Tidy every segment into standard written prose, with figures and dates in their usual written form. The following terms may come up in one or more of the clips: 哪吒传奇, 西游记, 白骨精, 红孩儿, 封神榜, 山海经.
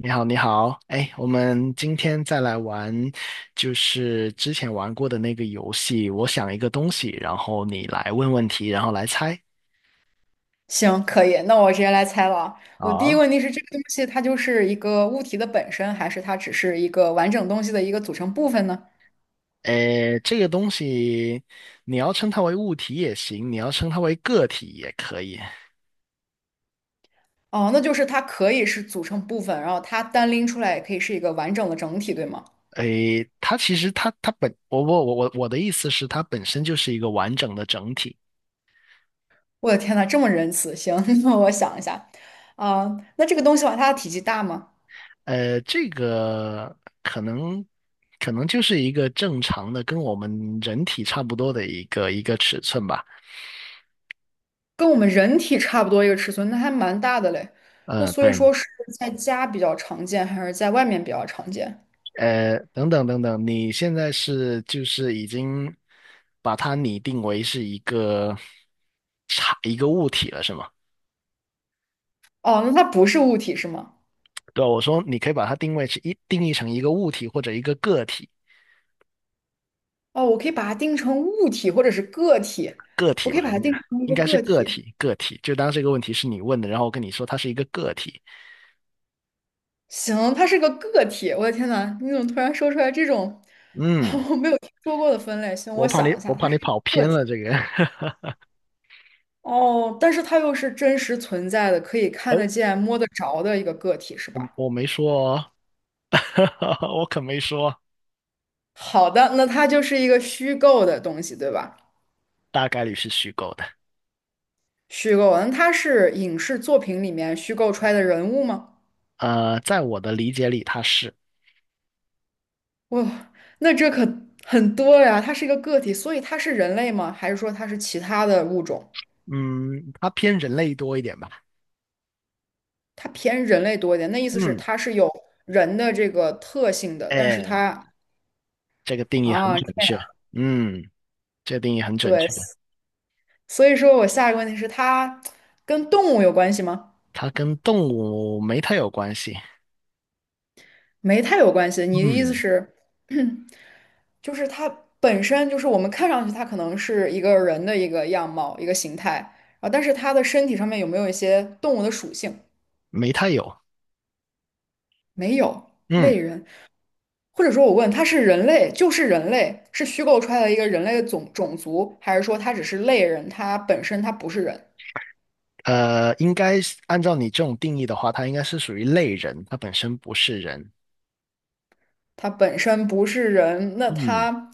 你好，你好，哎，我们今天再来玩，就是之前玩过的那个游戏。我想一个东西，然后你来问问题，然后来猜。行，可以，那我直接来猜了啊。我第一个好，问题是，这个东西它就是一个物体的本身，还是它只是一个完整东西的一个组成部分呢？哎，这个东西你要称它为物体也行，你要称它为个体也可以。哦，那就是它可以是组成部分，然后它单拎出来也可以是一个完整的整体，对吗？哎，它其实它它本我我我我我的意思是，它本身就是一个完整的整体。我的天呐，这么仁慈！行，那我想一下，啊、那这个东西的话，它的体积大吗？这个可能可能就是一个正常的，跟我们人体差不多的一个尺寸吧。跟我们人体差不多一个尺寸，那还蛮大的嘞。那嗯，所以对。说是在家比较常见，还是在外面比较常见？等等，你现在是就是已经把它拟定为是一个一个物体了，是吗？哦，那它不是物体是吗？对，我说你可以把它定义成一个物体或者一个个体，哦，我可以把它定成物体或者是个体，个我体可吧，以把它应该定成一应个该是个个体。体，个体。就当这个问题是你问的，然后我跟你说它是一个个体。行，它是个个体。我的天呐，你怎么突然说出来这种 嗯。我没有听说过的分类？行，我我怕你，想一我下，怕它是你一跑个个偏体。了这个。哦，但是它又是真实存在的，可以看哎，得见、摸得着的一个个体，是我吧？我没说哦，我可没说，好的，那它就是一个虚构的东西，对吧？大概率是虚构的。虚构，那它是影视作品里面虚构出来的人物吗？在我的理解里，它是，哇，那这可很多呀！它是一个个体，所以它是人类吗？还是说它是其他的物种？嗯，它偏人类多一点吧。它偏人类多一点，那意思是嗯，它是有人的这个特性的，但是哎，它这个定义很啊，这准确。样嗯，这个定义很准对，确。所以说我下一个问题是它跟动物有关系吗？它跟动物没太有关系。没太有关系。你的意思嗯，是，就是它本身就是我们看上去它可能是一个人的一个样貌、一个形态，啊，但是它的身体上面有没有一些动物的属性？没太有。没有，嗯，类人。或者说我问他是人类，就是人类，是虚构出来的一个人类的种族，还是说他只是类人，他本身他不是人，应该是按照你这种定义的话，它应该是属于类人，它本身不是人。他本身不是人，那嗯，他，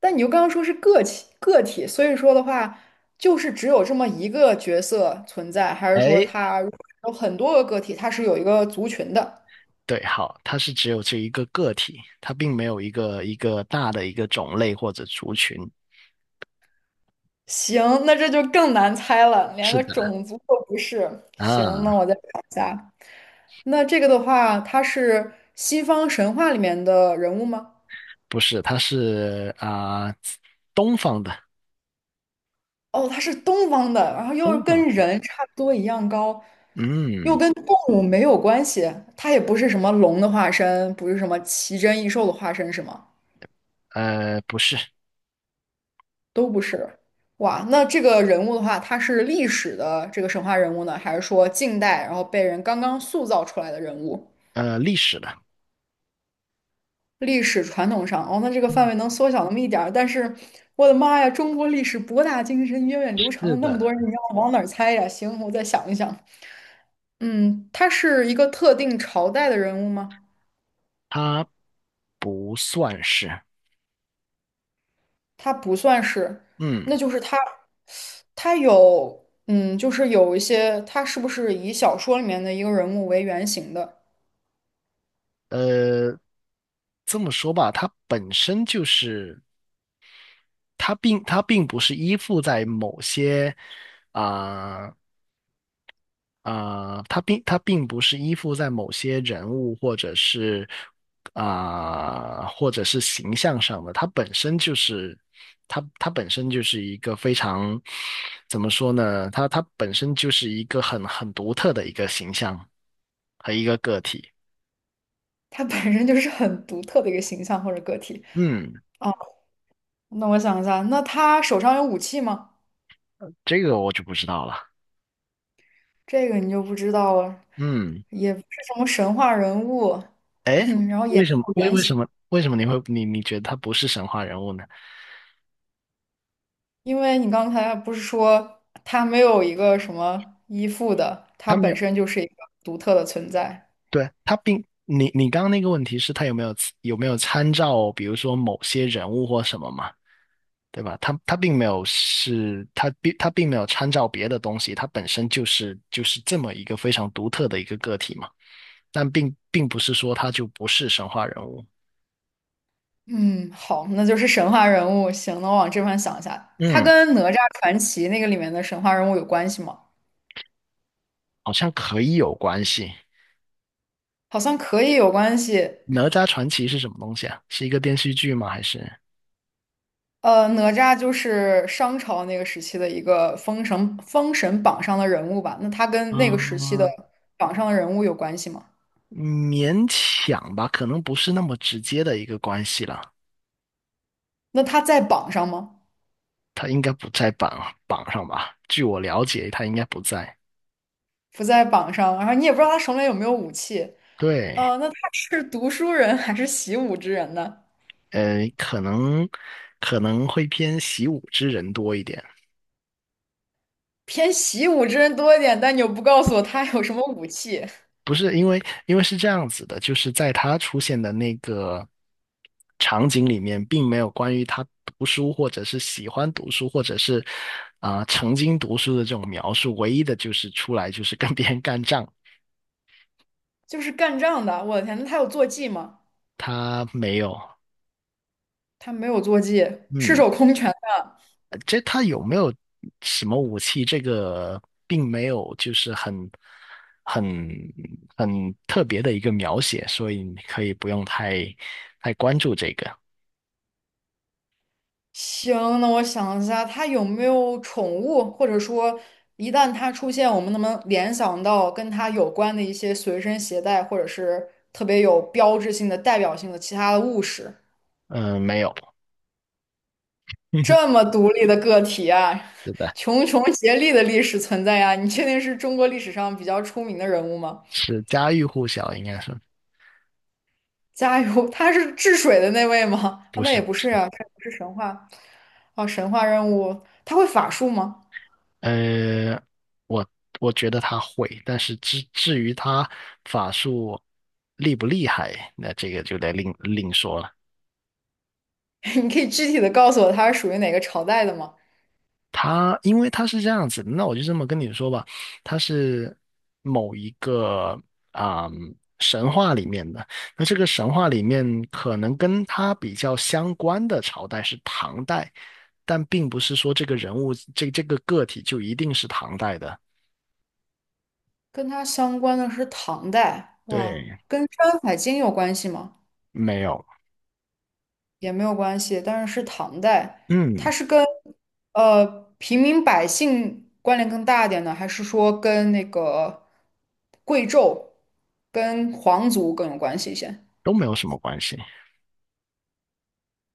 但你又刚刚说是个体个体，所以说的话，就是只有这么一个角色存在，还是说哎，他如果有很多个个体，他是有一个族群的？对，好，它是只有这一个个体，它并没有一个大的一个种类或者族群。行，那这就更难猜了，连是个的，种族都不是。行，啊，那我再想一下。那这个的话，他是西方神话里面的人物吗？不是，它是东方的，哦，他是东方的，然后又东跟方，人差不多一样高，又嗯，跟动物没有关系，他也不是什么龙的化身，不是什么奇珍异兽的化身，是吗？不是，都不是。哇，那这个人物的话，他是历史的这个神话人物呢，还是说近代然后被人刚刚塑造出来的人物？历史的，历史传统上，哦，那这个范围能缩小那么一点儿，但是我的妈呀，中国历史博大精深，源远流是长，那么的，多人，你让我往哪儿猜呀？行，我再想一想。嗯，他是一个特定朝代的人物吗？它不算是，他不算是，嗯，那就是他，他有，嗯，就是有一些，他是不是以小说里面的一个人物为原型的？呃，这么说吧，它本身就是，它并不是依附在某些啊、它并不是依附在某些人物或者是或者是形象上的，它本身就是它本身就是一个非常怎么说呢？它本身就是一个很独特的一个形象和一个个体。他本身就是很独特的一个形象或者个体嗯，啊。那我想一下，那他手上有武器吗？这个我就不知道了。这个你就不知道了，嗯，也不是什么神话人物，哎，然后也为没什么有为原为型，什么为什么你你觉得他不是神话人物呢？因为你刚才不是说他没有一个什么依附的，他他没本有。身就是一个独特的存在。对，他并你你刚刚那个问题是他有没有参照，比如说某些人物或什么嘛，对吧？他并没有是，他并没有参照别的东西，他本身就是就是这么一个非常独特的一个个体嘛。但并不是说他就不是神话人物，嗯，好，那就是神话人物。行，那我往这方想一下，他嗯，跟《哪吒传奇》那个里面的神话人物有关系吗？好像可以有关系。好像可以有关系，哪吒传奇是什么东西啊？是一个电视剧吗？还是？呃，哪吒就是商朝那个时期的一个封神榜上的人物吧？那他跟那个时期的嗯，榜上的人物有关系吗？勉强吧，可能不是那么直接的一个关系了。那他在榜上吗？他应该不在榜上吧？据我了解，他应该不在。不在榜上，然后你也不知道他手里有没有武器。对，呃，那他是读书人还是习武之人呢？呃，可能可能会偏习武之人多一点。偏习武之人多一点，但你又不告诉我他有什么武器，不是因为，因为是这样子的，就是在他出现的那个场景里面，并没有关于他读书或者是喜欢读书或者是曾经读书的这种描述。唯一的就是出来就是跟别人干仗，就是干仗的。我的天，那他有坐骑吗？他没有。他没有坐骑，赤嗯。手空拳。这他有没有什么武器？这个并没有，就是很很特别的一个描写，所以你可以不用太关注这个。行，那我想一下，他有没有宠物，或者说一旦他出现，我们能不能联想到跟他有关的一些随身携带，或者是特别有标志性的、代表性的其他的物事？嗯、没有，这 么独立的个体啊，是的，穷竭力的历史存在呀，你确定是中国历史上比较出名的人物吗？是家喻户晓，应该是加油，他是治水的那位吗？不啊，那是？也不不是是啊，他不是神话。哦，神话任务，他会法术吗？呃，我觉得他会，但是至于他法术厉不厉害，那这个就得另说了。你可以具体的告诉我它是属于哪个朝代的吗？他因为他是这样子的那我就这么跟你说吧，他是某一个啊、嗯神话里面的。那这个神话里面可能跟他比较相关的朝代是唐代，但并不是说这个人物这个个体就一定是唐代的。跟它相关的是唐代，哇，对，跟《山海经》有关系吗？没有，也没有关系，但是是唐代，嗯，它是跟平民百姓关联更大一点呢，还是说跟那个贵胄、跟皇族更有关系一些？都没有什么关系。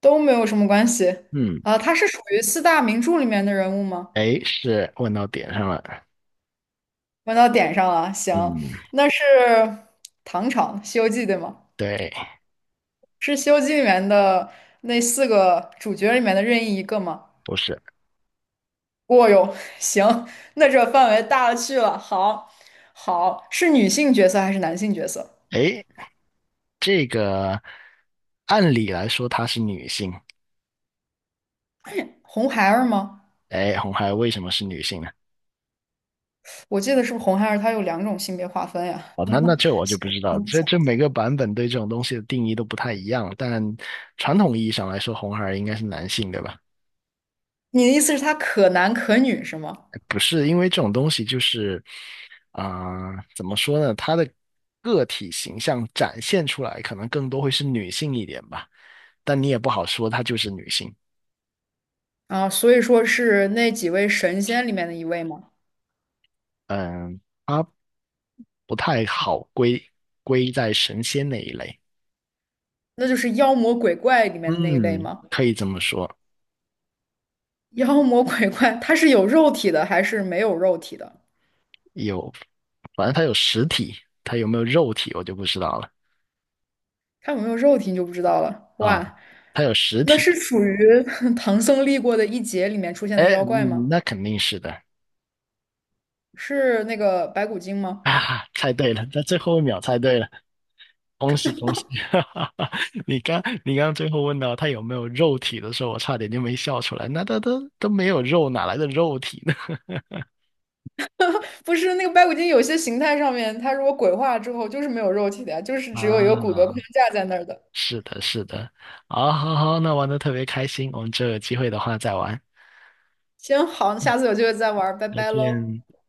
都没有什么关系嗯，啊，他是属于四大名著里面的人物吗？哎，是问到点上了。问到点上了，行，嗯，那是唐朝《西游记》对吗？对，是《西游记》里面的那四个主角里面的任意一个吗？不是，哦哟，行，那这范围大了去了。好，好，是女性角色还是男性角色？哎，这个按理来说她是女性。红孩儿吗？哎，红孩儿为什么是女性呢？我记得是不是红孩儿他有两种性别划分呀？哦，那那这我就不知道，这这嗯每个版本对这种东西的定义都不太一样。但传统意义上来说，红孩儿应该是男性，对吧？你的意思是他可男可女是吗？不是，因为这种东西就是，怎么说呢？他的个体形象展现出来，可能更多会是女性一点吧。但你也不好说她就是女性，啊，所以说是那几位神仙里面的一位吗？嗯，它不太好归在神仙那一类。那就是妖魔鬼怪里面的那一类嗯，吗？可以这么说。妖魔鬼怪，他是有肉体的还是没有肉体的？有，反正它有实体，它有没有肉体我就不知道了它有没有肉体你就不知道了。啊。哇，它有实那体，是属于 唐僧历过的一劫里面出现的哎，妖怪吗？嗯那肯定是的是那个白骨精吗？啊，猜对了，在最后一秒猜对了，恭喜恭喜！你刚最后问到它有没有肉体的时候，我差点就没笑出来。那它都没有肉，哪来的肉体呢？不是，那个白骨精有些形态上面，它如果鬼化之后就是没有肉体的呀，就是只有一个骨骼框啊，架在那儿的。是的，是的，好，好，好，那玩的特别开心，我们这有机会的话再玩，行，好，下次有机会再玩儿拜再拜喽。见。